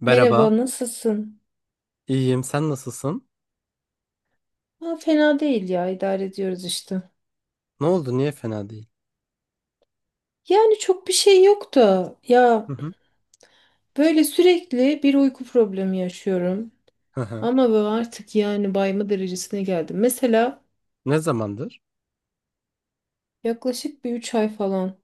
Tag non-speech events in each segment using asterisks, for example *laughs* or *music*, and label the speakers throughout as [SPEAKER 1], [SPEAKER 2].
[SPEAKER 1] Merhaba.
[SPEAKER 2] Merhaba, nasılsın?
[SPEAKER 1] İyiyim. Sen nasılsın?
[SPEAKER 2] Ha, fena değil ya, idare ediyoruz işte.
[SPEAKER 1] Ne oldu? Niye fena değil?
[SPEAKER 2] Yani çok bir şey yok da
[SPEAKER 1] Hı
[SPEAKER 2] ya
[SPEAKER 1] hı.
[SPEAKER 2] böyle sürekli bir uyku problemi yaşıyorum.
[SPEAKER 1] Hı hı.
[SPEAKER 2] Ama böyle artık yani bayma derecesine geldim. Mesela
[SPEAKER 1] Ne zamandır?
[SPEAKER 2] yaklaşık bir 3 ay falan.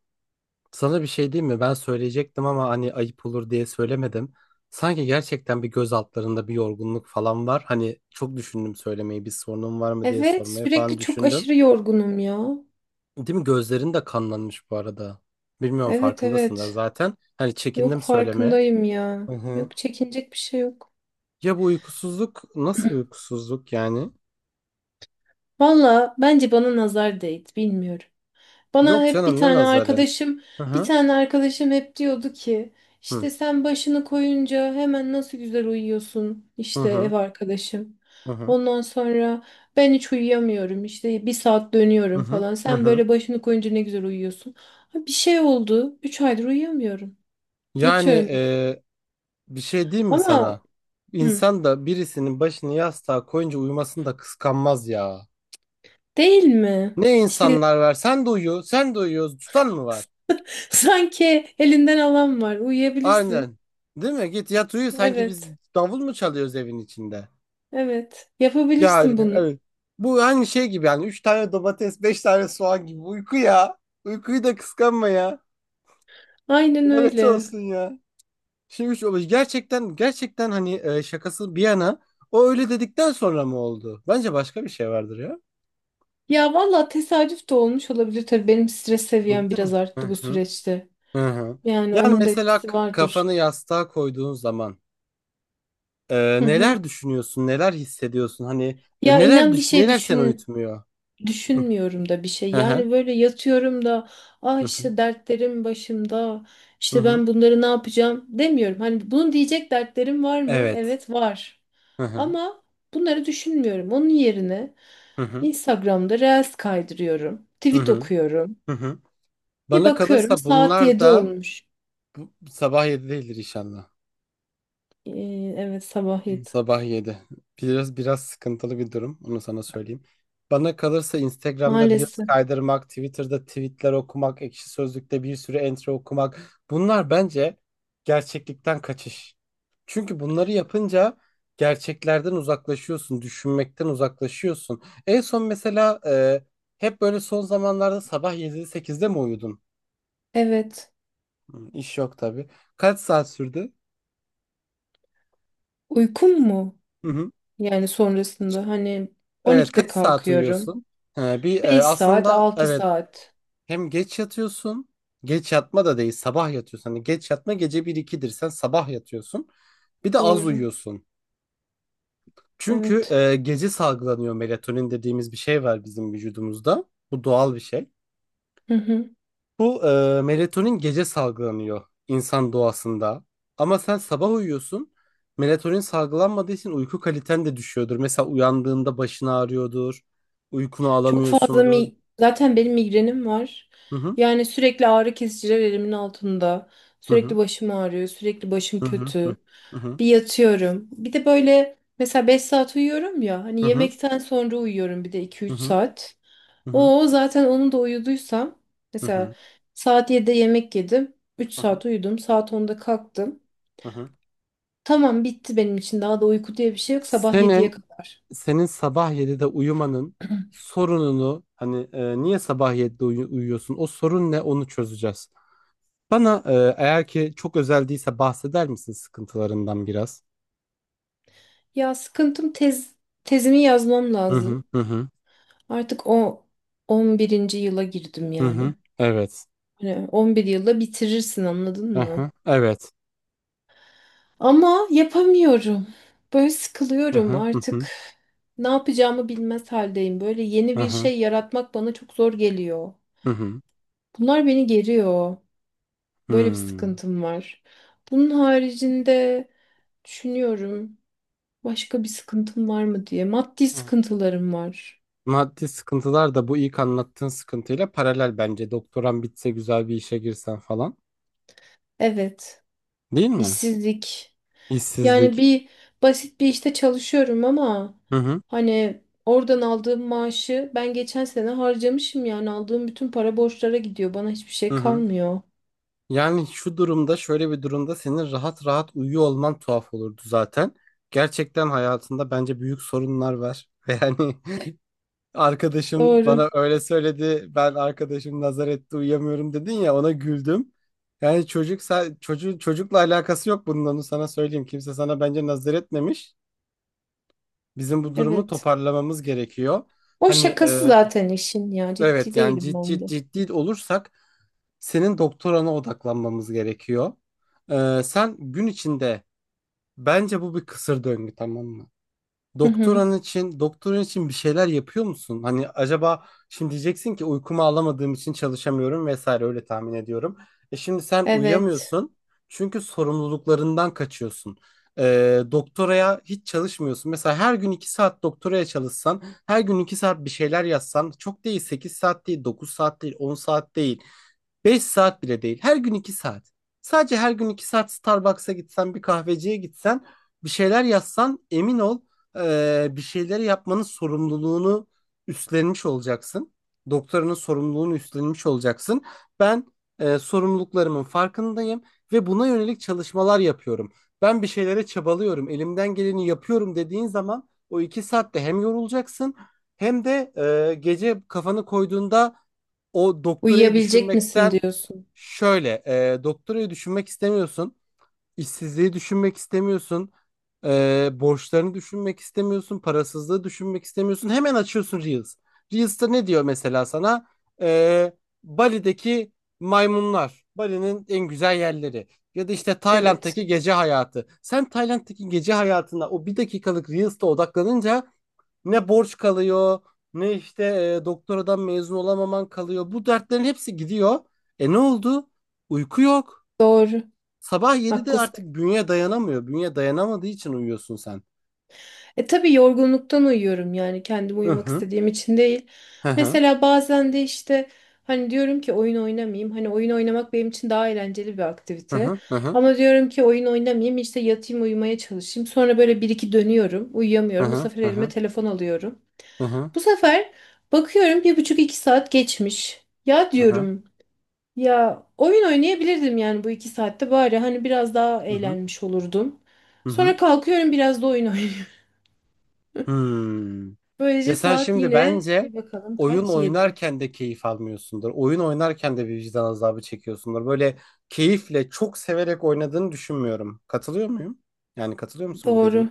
[SPEAKER 1] Sana bir şey diyeyim mi? Ben söyleyecektim ama hani ayıp olur diye söylemedim. Sanki gerçekten bir göz altlarında bir yorgunluk falan var. Hani çok düşündüm söylemeyi. Bir sorunum var mı diye
[SPEAKER 2] Evet,
[SPEAKER 1] sormayı falan
[SPEAKER 2] sürekli çok
[SPEAKER 1] düşündüm.
[SPEAKER 2] aşırı yorgunum ya.
[SPEAKER 1] Değil mi? Gözlerin de kanlanmış bu arada. Bilmiyorum
[SPEAKER 2] Evet
[SPEAKER 1] farkındasınlar
[SPEAKER 2] evet.
[SPEAKER 1] zaten. Hani
[SPEAKER 2] Yok
[SPEAKER 1] çekindim söylemeye.
[SPEAKER 2] farkındayım ya.
[SPEAKER 1] Hı hı.
[SPEAKER 2] Yok çekinecek bir şey yok.
[SPEAKER 1] Ya bu uykusuzluk nasıl bir uykusuzluk yani?
[SPEAKER 2] Valla bence bana nazar değdi, bilmiyorum. Bana
[SPEAKER 1] Yok
[SPEAKER 2] hep bir
[SPEAKER 1] canım ne
[SPEAKER 2] tane
[SPEAKER 1] nazarı?
[SPEAKER 2] arkadaşım,
[SPEAKER 1] Hı
[SPEAKER 2] bir
[SPEAKER 1] hı.
[SPEAKER 2] tane arkadaşım hep diyordu ki
[SPEAKER 1] Hı
[SPEAKER 2] işte sen başını koyunca hemen nasıl güzel uyuyorsun işte
[SPEAKER 1] hı.
[SPEAKER 2] ev arkadaşım.
[SPEAKER 1] Hı hı.
[SPEAKER 2] Ondan sonra ben hiç uyuyamıyorum işte bir saat
[SPEAKER 1] Hı
[SPEAKER 2] dönüyorum
[SPEAKER 1] hı,
[SPEAKER 2] falan.
[SPEAKER 1] hı
[SPEAKER 2] Sen
[SPEAKER 1] hı.
[SPEAKER 2] böyle başını koyunca ne güzel uyuyorsun. Ha, bir şey oldu. 3 aydır uyuyamıyorum.
[SPEAKER 1] Yani
[SPEAKER 2] Yatıyorum.
[SPEAKER 1] bir şey diyeyim mi
[SPEAKER 2] Ama
[SPEAKER 1] sana?
[SPEAKER 2] hı,
[SPEAKER 1] İnsan da birisinin başını yastığa koyunca uyumasını da kıskanmaz ya.
[SPEAKER 2] değil mi?
[SPEAKER 1] Ne
[SPEAKER 2] İşte
[SPEAKER 1] insanlar var? Sen de uyu, sen de uyuyoruz. Tutan mı var?
[SPEAKER 2] *laughs* sanki elinden alan var. Uyuyabilirsin.
[SPEAKER 1] Aynen. Değil mi? Git yat uyu sanki biz
[SPEAKER 2] Evet.
[SPEAKER 1] davul mu çalıyoruz evin içinde?
[SPEAKER 2] Evet.
[SPEAKER 1] Yani
[SPEAKER 2] Yapabilirsin bunu.
[SPEAKER 1] evet. Bu aynı şey gibi yani. Üç tane domates, beş tane soğan gibi. Uyku ya. Uykuyu da kıskanma ya.
[SPEAKER 2] Aynen
[SPEAKER 1] Lanet
[SPEAKER 2] öyle.
[SPEAKER 1] olsun ya. Şimdi gerçekten hani şakası bir yana o öyle dedikten sonra mı oldu? Bence başka bir şey vardır ya.
[SPEAKER 2] Ya valla tesadüf de olmuş olabilir tabii, benim stres seviyem
[SPEAKER 1] Değil mi?
[SPEAKER 2] biraz arttı
[SPEAKER 1] Hı
[SPEAKER 2] bu
[SPEAKER 1] hı.
[SPEAKER 2] süreçte.
[SPEAKER 1] Hı hı.
[SPEAKER 2] Yani
[SPEAKER 1] Yani
[SPEAKER 2] onun da
[SPEAKER 1] mesela
[SPEAKER 2] etkisi vardır.
[SPEAKER 1] kafanı yastığa koyduğun zaman
[SPEAKER 2] Hı hı.
[SPEAKER 1] neler düşünüyorsun, neler hissediyorsun? Hani
[SPEAKER 2] Ya
[SPEAKER 1] neler
[SPEAKER 2] inan bir şey
[SPEAKER 1] neler seni uyutmuyor?
[SPEAKER 2] düşünmüyorum da bir şey.
[SPEAKER 1] Hı hı.
[SPEAKER 2] Yani böyle yatıyorum da ah
[SPEAKER 1] Hı hı.
[SPEAKER 2] işte dertlerim başımda.
[SPEAKER 1] Hı
[SPEAKER 2] İşte
[SPEAKER 1] hı.
[SPEAKER 2] ben bunları ne yapacağım demiyorum. Hani bunu diyecek dertlerim var mı?
[SPEAKER 1] Evet.
[SPEAKER 2] Evet var.
[SPEAKER 1] Hı hı.
[SPEAKER 2] Ama bunları düşünmüyorum. Onun yerine
[SPEAKER 1] Hı hı.
[SPEAKER 2] Instagram'da Reels kaydırıyorum.
[SPEAKER 1] Hı
[SPEAKER 2] Tweet
[SPEAKER 1] hı.
[SPEAKER 2] okuyorum.
[SPEAKER 1] Hı hı.
[SPEAKER 2] Bir
[SPEAKER 1] Bana
[SPEAKER 2] bakıyorum
[SPEAKER 1] kalırsa
[SPEAKER 2] saat
[SPEAKER 1] bunlar
[SPEAKER 2] 7
[SPEAKER 1] da
[SPEAKER 2] olmuş.
[SPEAKER 1] sabah 7 değildir inşallah.
[SPEAKER 2] Evet, sabah 7.
[SPEAKER 1] Sabah 7. Biraz sıkıntılı bir durum. Onu sana söyleyeyim. Bana kalırsa Instagram'da Reels
[SPEAKER 2] Maalesef.
[SPEAKER 1] kaydırmak, Twitter'da tweetler okumak, Ekşi Sözlük'te bir sürü entry okumak. Bunlar bence gerçeklikten kaçış. Çünkü bunları yapınca gerçeklerden uzaklaşıyorsun, düşünmekten uzaklaşıyorsun. En son mesela hep böyle son zamanlarda sabah 7'de 8'de mi uyudun?
[SPEAKER 2] Evet.
[SPEAKER 1] Hı, İş yok tabii. Kaç saat sürdü?
[SPEAKER 2] Uykum mu?
[SPEAKER 1] Hı hı.
[SPEAKER 2] Yani sonrasında hani
[SPEAKER 1] Evet,
[SPEAKER 2] 12'de
[SPEAKER 1] kaç saat
[SPEAKER 2] kalkıyorum.
[SPEAKER 1] uyuyorsun? He,
[SPEAKER 2] 5 saat,
[SPEAKER 1] aslında
[SPEAKER 2] 6
[SPEAKER 1] evet.
[SPEAKER 2] saat.
[SPEAKER 1] Hem geç yatıyorsun. Geç yatma da değil sabah yatıyorsun. Hani geç yatma gece bir 2'dir. Sen sabah yatıyorsun. Bir de az
[SPEAKER 2] Doğru.
[SPEAKER 1] uyuyorsun. Çünkü
[SPEAKER 2] Evet.
[SPEAKER 1] gece salgılanıyor melatonin dediğimiz bir şey var bizim vücudumuzda. Bu doğal bir şey.
[SPEAKER 2] Hı hı.
[SPEAKER 1] Bu melatonin gece salgılanıyor insan doğasında. Ama sen sabah uyuyorsun. Melatonin salgılanmadığı için uyku kaliten de düşüyordur. Mesela uyandığında başın ağrıyordur. Uykunu
[SPEAKER 2] Çok fazla
[SPEAKER 1] alamıyorsundur.
[SPEAKER 2] mi zaten, benim migrenim var.
[SPEAKER 1] Hı hı
[SPEAKER 2] Yani sürekli ağrı kesiciler elimin altında.
[SPEAKER 1] hı hı
[SPEAKER 2] Sürekli başım ağrıyor, sürekli başım
[SPEAKER 1] hı hı
[SPEAKER 2] kötü.
[SPEAKER 1] hı hı
[SPEAKER 2] Bir yatıyorum. Bir de böyle mesela 5 saat uyuyorum ya. Hani
[SPEAKER 1] hı
[SPEAKER 2] yemekten sonra uyuyorum bir de iki üç
[SPEAKER 1] hı
[SPEAKER 2] saat.
[SPEAKER 1] hı. Hı.
[SPEAKER 2] O zaten onu da uyuduysam
[SPEAKER 1] Hı
[SPEAKER 2] mesela
[SPEAKER 1] hı,
[SPEAKER 2] saat 7'de yemek yedim. üç
[SPEAKER 1] hı hı,
[SPEAKER 2] saat uyudum. Saat 10'da kalktım.
[SPEAKER 1] hı hı.
[SPEAKER 2] Tamam, bitti benim için. Daha da uyku diye bir şey yok. Sabah 7'ye
[SPEAKER 1] Senin
[SPEAKER 2] kadar.
[SPEAKER 1] senin sabah 7'de uyumanın sorununu hani niye sabah 7'de uyuyorsun? O sorun ne? Onu çözeceğiz. Bana eğer ki çok özel değilse bahseder misin sıkıntılarından biraz?
[SPEAKER 2] Ya sıkıntım, tezimi yazmam
[SPEAKER 1] Hı hı
[SPEAKER 2] lazım.
[SPEAKER 1] hı hı
[SPEAKER 2] Artık o 11'inci yıla girdim
[SPEAKER 1] hı hı.
[SPEAKER 2] yani.
[SPEAKER 1] Evet.
[SPEAKER 2] Hani 11 yılda bitirirsin, anladın
[SPEAKER 1] Hı
[SPEAKER 2] mı?
[SPEAKER 1] hı. Evet.
[SPEAKER 2] Ama yapamıyorum. Böyle
[SPEAKER 1] Hı
[SPEAKER 2] sıkılıyorum
[SPEAKER 1] hı hı hı
[SPEAKER 2] artık. Ne yapacağımı bilmez haldeyim. Böyle yeni
[SPEAKER 1] hı
[SPEAKER 2] bir
[SPEAKER 1] hı
[SPEAKER 2] şey yaratmak bana çok zor geliyor.
[SPEAKER 1] hı hı.
[SPEAKER 2] Bunlar beni geriyor. Böyle bir
[SPEAKER 1] Hmm.
[SPEAKER 2] sıkıntım var. Bunun haricinde düşünüyorum, başka bir sıkıntım var mı diye. Maddi
[SPEAKER 1] Hı.
[SPEAKER 2] sıkıntılarım var.
[SPEAKER 1] Maddi sıkıntılar da bu ilk anlattığın sıkıntıyla paralel bence. Doktoran bitse güzel bir işe girsen falan.
[SPEAKER 2] Evet,
[SPEAKER 1] Değil mi?
[SPEAKER 2] işsizlik. Yani
[SPEAKER 1] İşsizlik.
[SPEAKER 2] bir basit bir işte çalışıyorum ama
[SPEAKER 1] Hı hı.
[SPEAKER 2] hani oradan aldığım maaşı ben geçen sene harcamışım, yani aldığım bütün para borçlara gidiyor. Bana hiçbir
[SPEAKER 1] Hı
[SPEAKER 2] şey
[SPEAKER 1] hı.
[SPEAKER 2] kalmıyor.
[SPEAKER 1] Yani şu durumda şöyle bir durumda senin rahat rahat uyuyor olman tuhaf olurdu zaten. Gerçekten hayatında bence büyük sorunlar var. *laughs* Ve hani arkadaşım bana
[SPEAKER 2] Doğru.
[SPEAKER 1] öyle söyledi ben arkadaşım nazar etti uyuyamıyorum dedin ya ona güldüm. Yani çocuğu, çocukla alakası yok bunun onu sana söyleyeyim. Kimse sana bence nazar etmemiş. Bizim bu durumu
[SPEAKER 2] Evet.
[SPEAKER 1] toparlamamız gerekiyor.
[SPEAKER 2] O
[SPEAKER 1] Hani,
[SPEAKER 2] şakası zaten işin ya. Ciddi
[SPEAKER 1] evet yani
[SPEAKER 2] değilim ben
[SPEAKER 1] ciddi
[SPEAKER 2] de.
[SPEAKER 1] ciddi olursak senin doktorana odaklanmamız gerekiyor. Sen gün içinde bence bu bir kısır döngü tamam mı?
[SPEAKER 2] Hı hı.
[SPEAKER 1] Doktoran için, doktorun için bir şeyler yapıyor musun? Hani acaba şimdi diyeceksin ki uykumu alamadığım için çalışamıyorum vesaire öyle tahmin ediyorum. Şimdi sen
[SPEAKER 2] Evet.
[SPEAKER 1] uyuyamıyorsun çünkü sorumluluklarından kaçıyorsun. Doktoraya hiç çalışmıyorsun. Mesela her gün 2 saat doktoraya çalışsan, her gün 2 saat bir şeyler yazsan çok değil 8 saat değil, 9 saat değil, 10 saat değil. 5 saat bile değil. Her gün 2 saat. Sadece her gün 2 saat Starbucks'a gitsen, bir kahveciye gitsen, bir şeyler yazsan emin ol bir şeyleri yapmanın sorumluluğunu üstlenmiş olacaksın. Doktoranın sorumluluğunu üstlenmiş olacaksın. Ben sorumluluklarımın farkındayım ve buna yönelik çalışmalar yapıyorum. Ben bir şeylere çabalıyorum, elimden geleni yapıyorum dediğin zaman o 2 saatte hem yorulacaksın hem de gece kafanı koyduğunda o doktorayı
[SPEAKER 2] Uyuyabilecek misin
[SPEAKER 1] düşünmekten
[SPEAKER 2] diyorsun.
[SPEAKER 1] şöyle doktorayı düşünmek istemiyorsun. İşsizliği düşünmek istemiyorsun. Borçlarını düşünmek istemiyorsun. Parasızlığı düşünmek istemiyorsun. Hemen açıyorsun Reels. Reels'ta ne diyor mesela sana? E, Bali'deki maymunlar. Bali'nin en güzel yerleri. Ya da işte
[SPEAKER 2] Evet.
[SPEAKER 1] Tayland'daki gece hayatı. Sen Tayland'daki gece hayatına o 1 dakikalık Reels'ta odaklanınca ne borç kalıyor, ne işte doktoradan mezun olamaman kalıyor. Bu dertlerin hepsi gidiyor. Ne oldu? Uyku yok.
[SPEAKER 2] Doğru,
[SPEAKER 1] Sabah 7'de
[SPEAKER 2] haklısın.
[SPEAKER 1] artık bünye dayanamıyor. Bünye dayanamadığı için uyuyorsun sen.
[SPEAKER 2] E tabii yorgunluktan uyuyorum, yani kendim
[SPEAKER 1] Hı
[SPEAKER 2] uyumak
[SPEAKER 1] hı.
[SPEAKER 2] istediğim için değil.
[SPEAKER 1] Hı hı.
[SPEAKER 2] Mesela bazen de işte hani diyorum ki oyun oynamayayım. Hani oyun oynamak benim için daha eğlenceli bir
[SPEAKER 1] Hı
[SPEAKER 2] aktivite.
[SPEAKER 1] hı. Hı hı.
[SPEAKER 2] Ama diyorum ki oyun oynamayayım, işte yatayım, uyumaya çalışayım. Sonra böyle bir iki dönüyorum,
[SPEAKER 1] Hı
[SPEAKER 2] uyuyamıyorum. Bu
[SPEAKER 1] hı.
[SPEAKER 2] sefer
[SPEAKER 1] Hı
[SPEAKER 2] elime
[SPEAKER 1] hı.
[SPEAKER 2] telefon alıyorum.
[SPEAKER 1] Hı hı.
[SPEAKER 2] Bu sefer bakıyorum bir buçuk iki saat geçmiş. Ya
[SPEAKER 1] Hı
[SPEAKER 2] diyorum, ya oyun oynayabilirdim yani, bu 2 saatte bari hani biraz daha
[SPEAKER 1] hı.
[SPEAKER 2] eğlenmiş olurdum.
[SPEAKER 1] Hı hı.
[SPEAKER 2] Sonra kalkıyorum biraz da oyun oynuyorum. *laughs*
[SPEAKER 1] Hmm. Ya
[SPEAKER 2] Böylece
[SPEAKER 1] sen
[SPEAKER 2] saat
[SPEAKER 1] şimdi
[SPEAKER 2] yine
[SPEAKER 1] bence
[SPEAKER 2] bir bakalım,
[SPEAKER 1] oyun
[SPEAKER 2] kaç? 7.
[SPEAKER 1] oynarken de keyif almıyorsundur. Oyun oynarken de bir vicdan azabı çekiyorsundur. Böyle keyifle çok severek oynadığını düşünmüyorum. Katılıyor muyum? Yani katılıyor musun bu dediğime?
[SPEAKER 2] Doğru.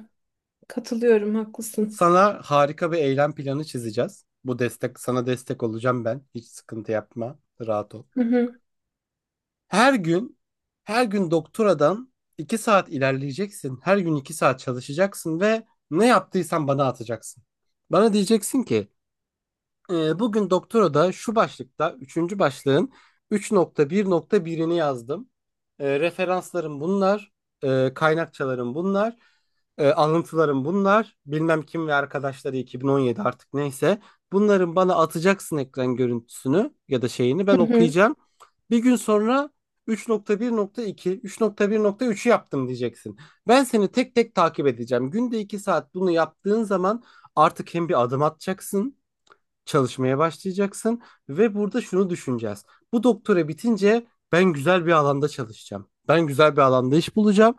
[SPEAKER 2] Katılıyorum, haklısın.
[SPEAKER 1] Sana harika bir eylem planı çizeceğiz. Bu destek sana destek olacağım ben. Hiç sıkıntı yapma. Rahat ol.
[SPEAKER 2] Hı hı,
[SPEAKER 1] Her gün her gün doktoradan 2 saat ilerleyeceksin. Her gün 2 saat çalışacaksın ve ne yaptıysan bana atacaksın. Bana diyeceksin ki bugün doktorada şu başlıkta, üçüncü başlığın 3.1.1'ini yazdım. Referanslarım bunlar, kaynakçalarım bunlar, alıntılarım bunlar, bilmem kim ve arkadaşları 2017 artık neyse. Bunların bana atacaksın ekran görüntüsünü ya da şeyini ben
[SPEAKER 2] hı hı.
[SPEAKER 1] okuyacağım. Bir gün sonra 3.1.2, 3.1.3'ü yaptım diyeceksin. Ben seni tek tek takip edeceğim. Günde 2 saat bunu yaptığın zaman artık hem bir adım atacaksın çalışmaya başlayacaksın ve burada şunu düşüneceğiz. Bu doktora bitince ben güzel bir alanda çalışacağım. Ben güzel bir alanda iş bulacağım.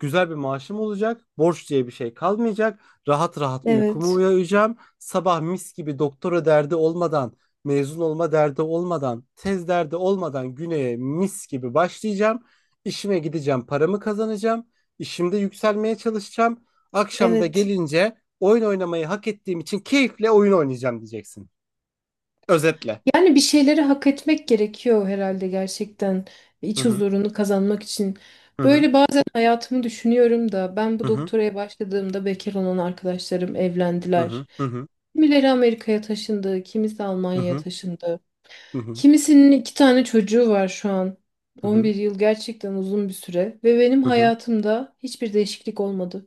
[SPEAKER 1] Güzel bir maaşım olacak. Borç diye bir şey kalmayacak. Rahat rahat uykumu
[SPEAKER 2] Evet.
[SPEAKER 1] uyuyacağım. Sabah mis gibi doktora derdi olmadan, mezun olma derdi olmadan, tez derdi olmadan güneye mis gibi başlayacağım. İşime gideceğim, paramı kazanacağım. İşimde yükselmeye çalışacağım. Akşam da
[SPEAKER 2] Evet.
[SPEAKER 1] gelince oyun oynamayı hak ettiğim için keyifle oyun oynayacağım diyeceksin. Özetle.
[SPEAKER 2] Yani bir şeyleri hak etmek gerekiyor herhalde, gerçekten
[SPEAKER 1] Hı
[SPEAKER 2] iç
[SPEAKER 1] hı
[SPEAKER 2] huzurunu kazanmak için.
[SPEAKER 1] hı hı
[SPEAKER 2] Böyle bazen hayatımı düşünüyorum da, ben bu
[SPEAKER 1] hı hı
[SPEAKER 2] doktoraya başladığımda bekar olan arkadaşlarım
[SPEAKER 1] hı hı
[SPEAKER 2] evlendiler.
[SPEAKER 1] hı hı
[SPEAKER 2] Kimileri Amerika'ya taşındı, kimisi
[SPEAKER 1] hı
[SPEAKER 2] Almanya'ya
[SPEAKER 1] hı
[SPEAKER 2] taşındı.
[SPEAKER 1] hı
[SPEAKER 2] Kimisinin 2 tane çocuğu var şu an.
[SPEAKER 1] hı
[SPEAKER 2] 11 yıl gerçekten uzun bir süre ve benim
[SPEAKER 1] hı hı
[SPEAKER 2] hayatımda hiçbir değişiklik olmadı.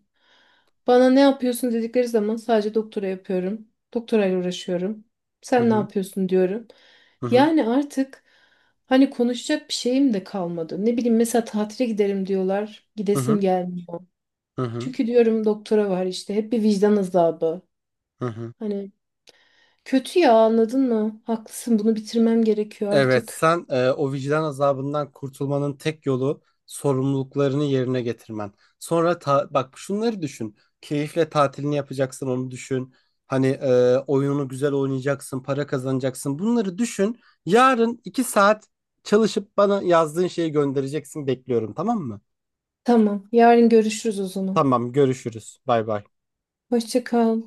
[SPEAKER 2] Bana ne yapıyorsun dedikleri zaman sadece doktora yapıyorum. Doktorayla uğraşıyorum.
[SPEAKER 1] hı
[SPEAKER 2] Sen ne
[SPEAKER 1] hı
[SPEAKER 2] yapıyorsun diyorum.
[SPEAKER 1] hı hı
[SPEAKER 2] Yani artık hani konuşacak bir şeyim de kalmadı. Ne bileyim, mesela tatile giderim diyorlar. Gidesim
[SPEAKER 1] hı
[SPEAKER 2] gelmiyor.
[SPEAKER 1] hı
[SPEAKER 2] Çünkü diyorum doktora var işte, hep bir vicdan azabı.
[SPEAKER 1] hı.
[SPEAKER 2] Hani kötü ya, anladın mı? Haklısın, bunu bitirmem gerekiyor
[SPEAKER 1] Evet,
[SPEAKER 2] artık.
[SPEAKER 1] sen o vicdan azabından kurtulmanın tek yolu sorumluluklarını yerine getirmen. Sonra bak şunları düşün. Keyifle tatilini yapacaksın onu düşün. Hani oyununu güzel oynayacaksın, para kazanacaksın. Bunları düşün. Yarın 2 saat çalışıp bana yazdığın şeyi göndereceksin. Bekliyorum, tamam mı?
[SPEAKER 2] Tamam, yarın görüşürüz o zaman.
[SPEAKER 1] Tamam, görüşürüz. Bay bay.
[SPEAKER 2] Hoşça kal.